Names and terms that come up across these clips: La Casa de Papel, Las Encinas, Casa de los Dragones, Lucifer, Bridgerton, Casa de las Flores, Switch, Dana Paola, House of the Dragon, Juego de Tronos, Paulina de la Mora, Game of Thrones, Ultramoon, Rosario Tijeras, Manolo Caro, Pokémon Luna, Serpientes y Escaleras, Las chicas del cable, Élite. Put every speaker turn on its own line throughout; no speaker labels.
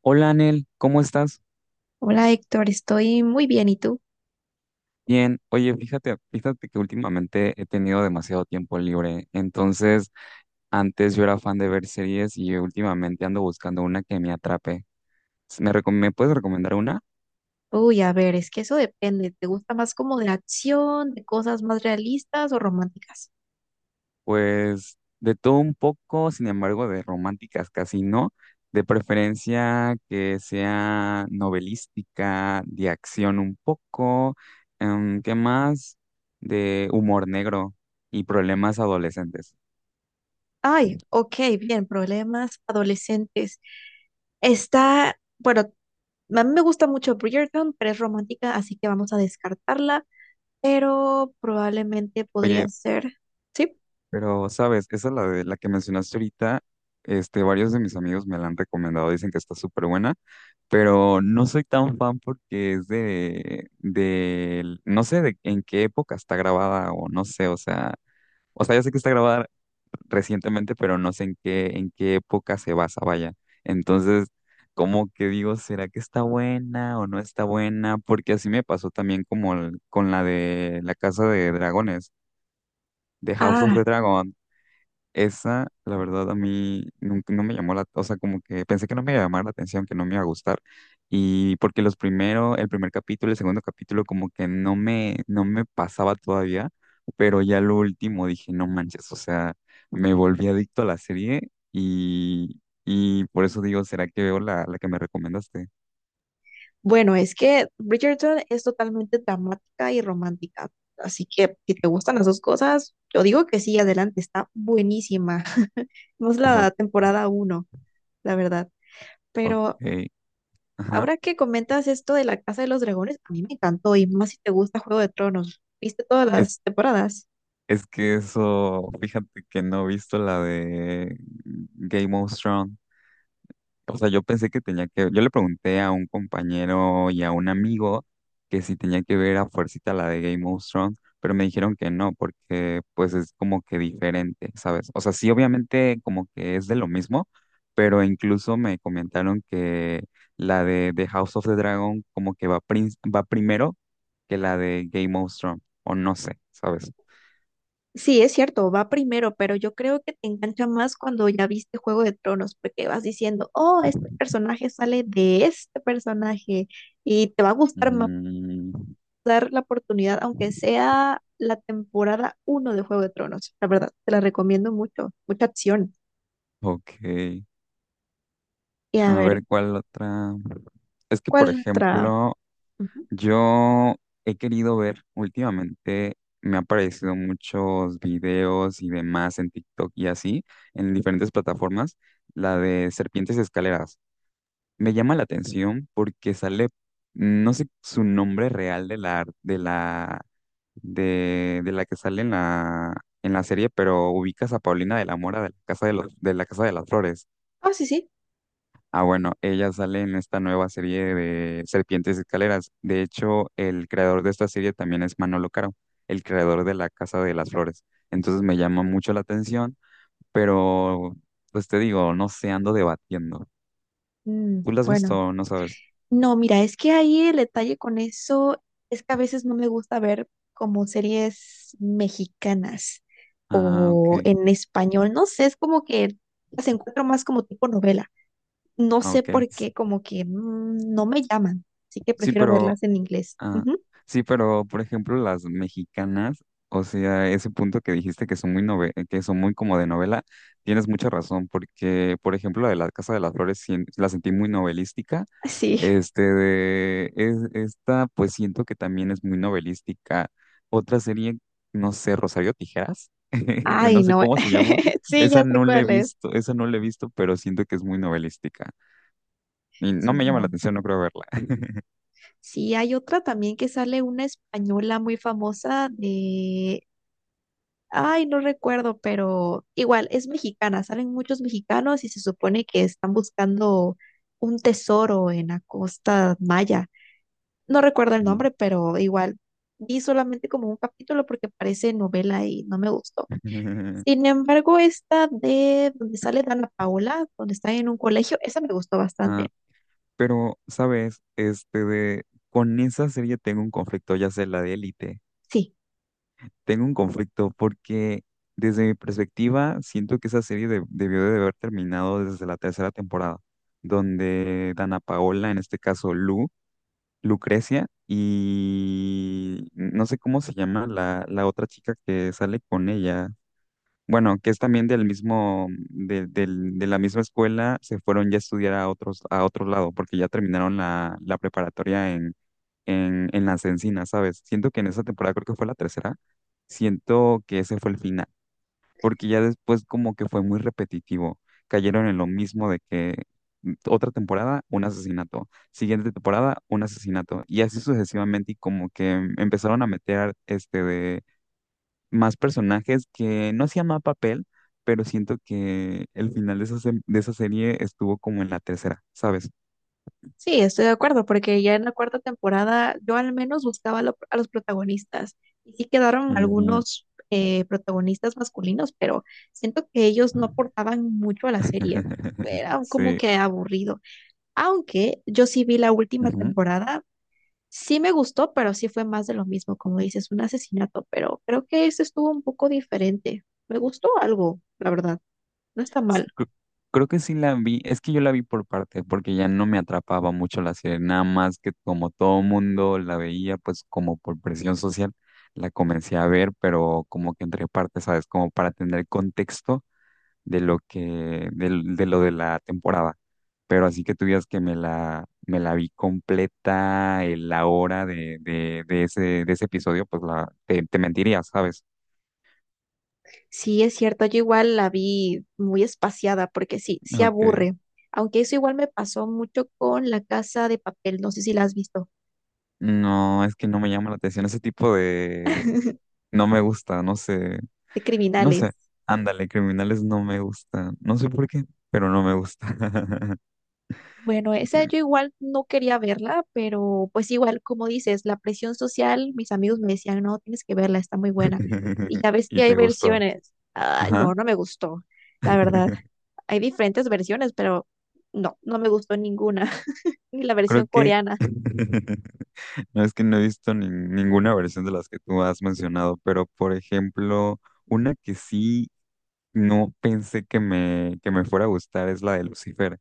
Hola, Anel, ¿cómo estás?
Hola Héctor, estoy muy bien. ¿Y tú?
Bien. Oye, fíjate que últimamente he tenido demasiado tiempo libre. Entonces, antes yo era fan de ver series y últimamente ando buscando una que me atrape. ¿Me puedes recomendar una?
Uy, a ver, es que eso depende. ¿Te gusta más como de acción, de cosas más realistas o románticas?
Pues de todo un poco, sin embargo, de románticas casi no. De preferencia que sea novelística, de acción un poco. ¿Qué más? De humor negro y problemas adolescentes.
Ay, ok, bien, problemas adolescentes. Está, bueno, a mí me gusta mucho Bridgerton, pero es romántica, así que vamos a descartarla, pero probablemente
Oye,
podría ser, ¿sí?
pero, ¿sabes? Esa es la de la que mencionaste ahorita. Este, varios de mis amigos me la han recomendado, dicen que está súper buena, pero no soy tan fan porque es no sé de en qué época está grabada o no sé, o sea, ya sé que está grabada recientemente, pero no sé en qué época se basa, vaya. Entonces, como que digo, ¿será que está buena o no está buena? Porque así me pasó también con la de la Casa de Dragones, de House of
Ah,
the Dragon. Esa, la verdad, a mí nunca, no me llamó la, o sea, como que pensé que no me iba a llamar la atención, que no me iba a gustar. Y porque los primero el primer capítulo, el segundo capítulo, como que no me pasaba todavía, pero ya lo último dije, no manches, o sea, me volví adicto a la serie y por eso digo, ¿será que veo la que me recomendaste?
bueno, es que Bridgerton es totalmente dramática y romántica. Así que si te gustan las dos cosas, yo digo que sí, adelante, está buenísima. No es
O-
la temporada uno, la verdad.
Ok,
Pero
ajá.
ahora que comentas esto de la Casa de los Dragones, a mí me encantó y más si te gusta Juego de Tronos. ¿Viste todas
Es,
las temporadas?
es que eso, fíjate que no he visto la de Game of Thrones. O sea, yo pensé que tenía que, yo le pregunté a un compañero y a un amigo que si tenía que ver a fuercita la de Game of Thrones, pero me dijeron que no, porque pues es como que diferente, ¿sabes? O sea, sí, obviamente como que es de lo mismo, pero incluso me comentaron que la de House of the Dragon como que va, va primero que la de Game of Thrones, o no sé, ¿sabes?
Sí, es cierto, va primero, pero yo creo que te engancha más cuando ya viste Juego de Tronos, porque vas diciendo, oh, este personaje sale de este personaje y te va a gustar
Mm,
dar la oportunidad, aunque sea la temporada uno de Juego de Tronos. La verdad, te la recomiendo mucho, mucha acción.
ok.
Y a
A
ver,
ver, ¿cuál otra? Es que, por
¿cuál otra?
ejemplo,
Ujú.
yo he querido ver últimamente, me han aparecido muchos videos y demás en TikTok y así, en diferentes plataformas, la de Serpientes y Escaleras. Me llama la atención porque sale, no sé su nombre real de la que sale en en la serie, pero ubicas a Paulina de la Mora de la Casa de de la Casa de las Flores.
Ah, sí, sí.
Ah, bueno, ella sale en esta nueva serie de Serpientes y Escaleras. De hecho, el creador de esta serie también es Manolo Caro, el creador de La Casa de las Flores. Entonces me llama mucho la atención, pero pues te digo, no sé, ando debatiendo.
Mm,
¿Tú la has visto?
bueno,
¿O no sabes?
no, mira, es que ahí el detalle con eso es que a veces no me gusta ver como series mexicanas
Ah,
o
ok,
en español, no sé, es como que las encuentro más como tipo novela. No
ah,
sé
ok.
por
S-
qué, como que no me llaman, así que
sí,
prefiero
pero
verlas en inglés.
ah,
Ujú.
sí, pero por ejemplo las mexicanas, o sea, ese punto que dijiste que son muy que son muy como de novela, tienes mucha razón, porque por ejemplo la de la Casa de las Flores la sentí muy novelística,
Sí.
este de es, esta pues siento que también es muy novelística. Otra serie, no sé, Rosario Tijeras,
Ay,
no sé
no,
cómo se llama,
sí, ya sé cuál es.
esa no la he visto, pero siento que es muy novelística y no
Sí,
me llama la
no.
atención, no creo verla.
Sí, hay otra también que sale una española muy famosa de, ay, no recuerdo, pero igual es mexicana, salen muchos mexicanos y se supone que están buscando un tesoro en la costa maya. No recuerdo el
No.
nombre, pero igual vi solamente como un capítulo porque parece novela y no me gustó. Sin embargo, esta de donde sale Dana Paola, donde está en un colegio, esa me gustó bastante.
Pero, ¿sabes? Este de con esa serie tengo un conflicto, ya sea la de Élite.
Sí.
Tengo un conflicto porque desde mi perspectiva siento que esa serie debió de haber terminado desde la tercera temporada, donde Dana Paola, en este caso Lucrecia y no sé cómo se llama la otra chica que sale con ella. Bueno, que es también del mismo, de la misma escuela, se fueron ya a estudiar a a otro lado, porque ya terminaron la preparatoria en Las Encinas, ¿sabes? Siento que en esa temporada, creo que fue la tercera, siento que ese fue el final, porque ya después como que fue muy repetitivo, cayeron en lo mismo de que otra temporada, un asesinato, siguiente temporada, un asesinato, y así sucesivamente, y como que empezaron a meter este más personajes que no hacía más papel, pero siento que el final de esa, de esa serie estuvo como en la tercera, ¿sabes?
Sí, estoy de acuerdo, porque ya en la cuarta temporada yo al menos buscaba a los protagonistas y sí quedaron
Ujú.
algunos protagonistas masculinos, pero siento que ellos no aportaban mucho a la serie. Era como
Sí.
que aburrido. Aunque yo sí vi la última
Ujú.
temporada, sí me gustó, pero sí fue más de lo mismo, como dices, un asesinato, pero creo que ese estuvo un poco diferente. Me gustó algo, la verdad. No está
S-
mal.
cre- Creo que sí la vi, es que yo la vi por parte, porque ya no me atrapaba mucho la serie, nada más que como todo mundo la veía, pues como por presión social, la comencé a ver, pero como que entre partes, ¿sabes? Como para tener contexto de lo que, lo de la temporada. Pero así que tú digas que me me la vi completa, la hora de ese episodio, pues te mentiría, ¿sabes?
Sí, es cierto, yo igual la vi muy espaciada porque sí, sí
Ok.
aburre. Aunque eso igual me pasó mucho con La Casa de Papel, no sé si la has visto,
No, es que no me llama la atención ese tipo de... No me gusta, no sé,
de
no
criminales.
sé. Ándale, criminales no me gusta. No sé por qué, pero no me gusta.
Bueno, esa yo igual no quería verla, pero pues igual, como dices, la presión social, mis amigos me decían, no, tienes que verla, está muy buena. Y ya ves que
Y
hay
te gustó.
versiones. Ah,
Ajá.
no, no me gustó, la verdad. Hay diferentes versiones, pero no, no me gustó ninguna, ni la versión
Creo que
coreana.
no es que no he visto ninguna versión de las que tú has mencionado, pero por ejemplo, una que sí no pensé que que me fuera a gustar es la de Lucifer.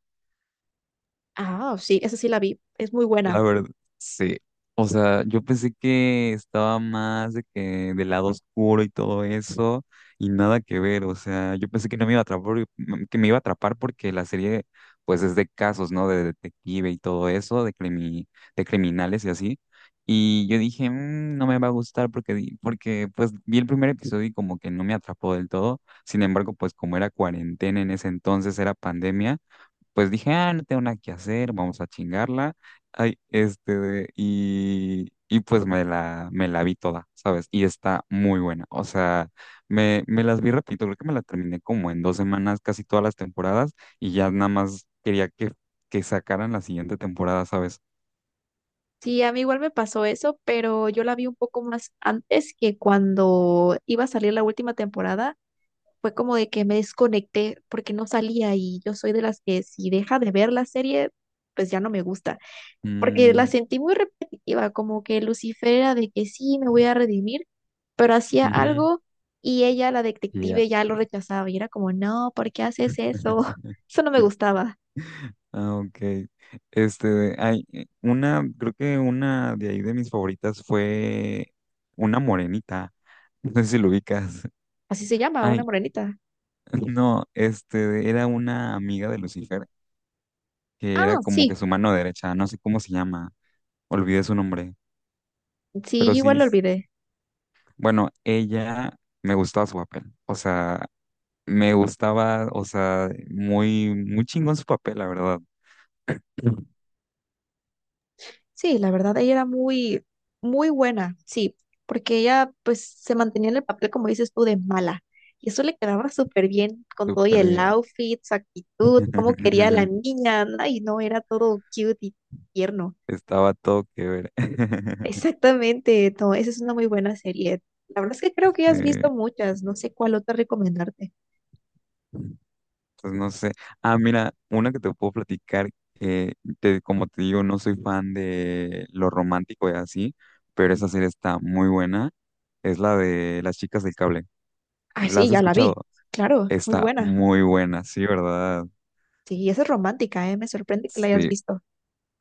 Ah, sí, esa sí la vi, es muy
La
buena.
verdad, sí. O sea, yo pensé que estaba más de que del lado oscuro y todo eso, y nada que ver. O sea, yo pensé que no me iba a atrapar, que me iba a atrapar porque la serie, pues, es de casos, ¿no? De detective y todo eso, de criminales y así. Y yo dije, "Mm, no me va a gustar porque, porque, pues, vi el primer episodio y como que no me atrapó del todo. Sin embargo, pues, como era cuarentena en ese entonces, era pandemia, pues dije, ah, no tengo nada que hacer, vamos a chingarla. Ay, este, y pues me me la vi toda, ¿sabes? Y está muy buena. O sea, me las vi rapidito, creo que me la terminé como en 2 semanas, casi todas las temporadas, y ya nada más quería que sacaran la siguiente temporada, ¿sabes?
Sí, a mí igual me pasó eso, pero yo la vi un poco más antes que cuando iba a salir la última temporada. Fue como de que me desconecté porque no salía y yo soy de las que si deja de ver la serie, pues ya no me gusta, porque la
Mm,
sentí muy repetitiva, como que Lucifer era de que sí, me voy a redimir, pero hacía
ujú,
algo y ella, la
y ya.
detective, ya lo rechazaba y era como, no, ¿por qué haces eso? Eso no me gustaba.
Ah, ok. Este, hay una, creo que una de ahí de mis favoritas fue una morenita. No sé si lo ubicas.
Así se llama, una
Ay,
morenita.
no, este, era una amiga de Lucifer, que era
Ah,
como que
sí,
su mano derecha, no sé cómo se llama, olvidé su nombre,
sí,
pero sí,
igual lo
s-
olvidé.
bueno, ella me gustaba su papel, o sea, me gustaba, o sea, muy chingón su papel, la verdad,
Sí, la verdad, ella era muy, muy buena, sí, porque ella pues se mantenía en el papel, como dices tú, de mala. Y eso le quedaba súper bien con todo y
súper
el
bien,
outfit, su actitud, cómo quería a la niña, ¿no? Y no era todo cute y tierno.
estaba todo que ver.
Exactamente, no, esa es una muy buena serie. La verdad es que creo que ya has visto
Sí.
muchas, no sé cuál otra recomendarte.
Pues no sé. Ah, mira, una que te puedo platicar, eh, como te digo, no soy fan de lo romántico y así, pero esa serie está muy buena. Es la de Las Chicas del Cable.
Ah,
¿La
sí,
has
ya la vi,
escuchado?
claro, muy
Está
buena.
muy buena, sí, ¿verdad?
Sí, esa es romántica, ¿eh? Me sorprende que la hayas
Sí,
visto.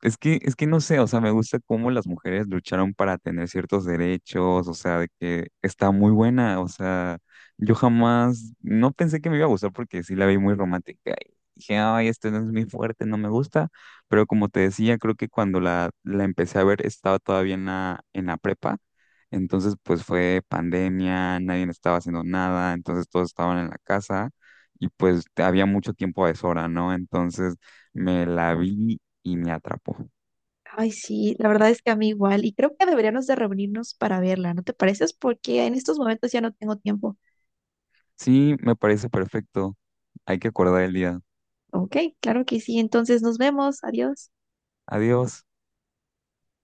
Es que no sé, o sea, me gusta cómo las mujeres lucharon para tener ciertos derechos, o sea, de que está muy buena, o sea, yo jamás, no pensé que me iba a gustar porque sí la vi muy romántica y dije, ay, este no es muy fuerte, no me gusta, pero como te decía, creo que cuando la empecé a ver estaba todavía en en la prepa, entonces pues fue pandemia, nadie estaba haciendo nada, entonces todos estaban en la casa y pues había mucho tiempo a deshora, ¿no? Entonces... Me la vi y me atrapó.
Ay, sí, la verdad es que a mí igual, y creo que deberíamos de reunirnos para verla, ¿no te pareces? Porque en estos momentos ya no tengo tiempo.
Sí, me parece perfecto. Hay que acordar el día.
Ok, claro que sí, entonces nos vemos, adiós.
Adiós.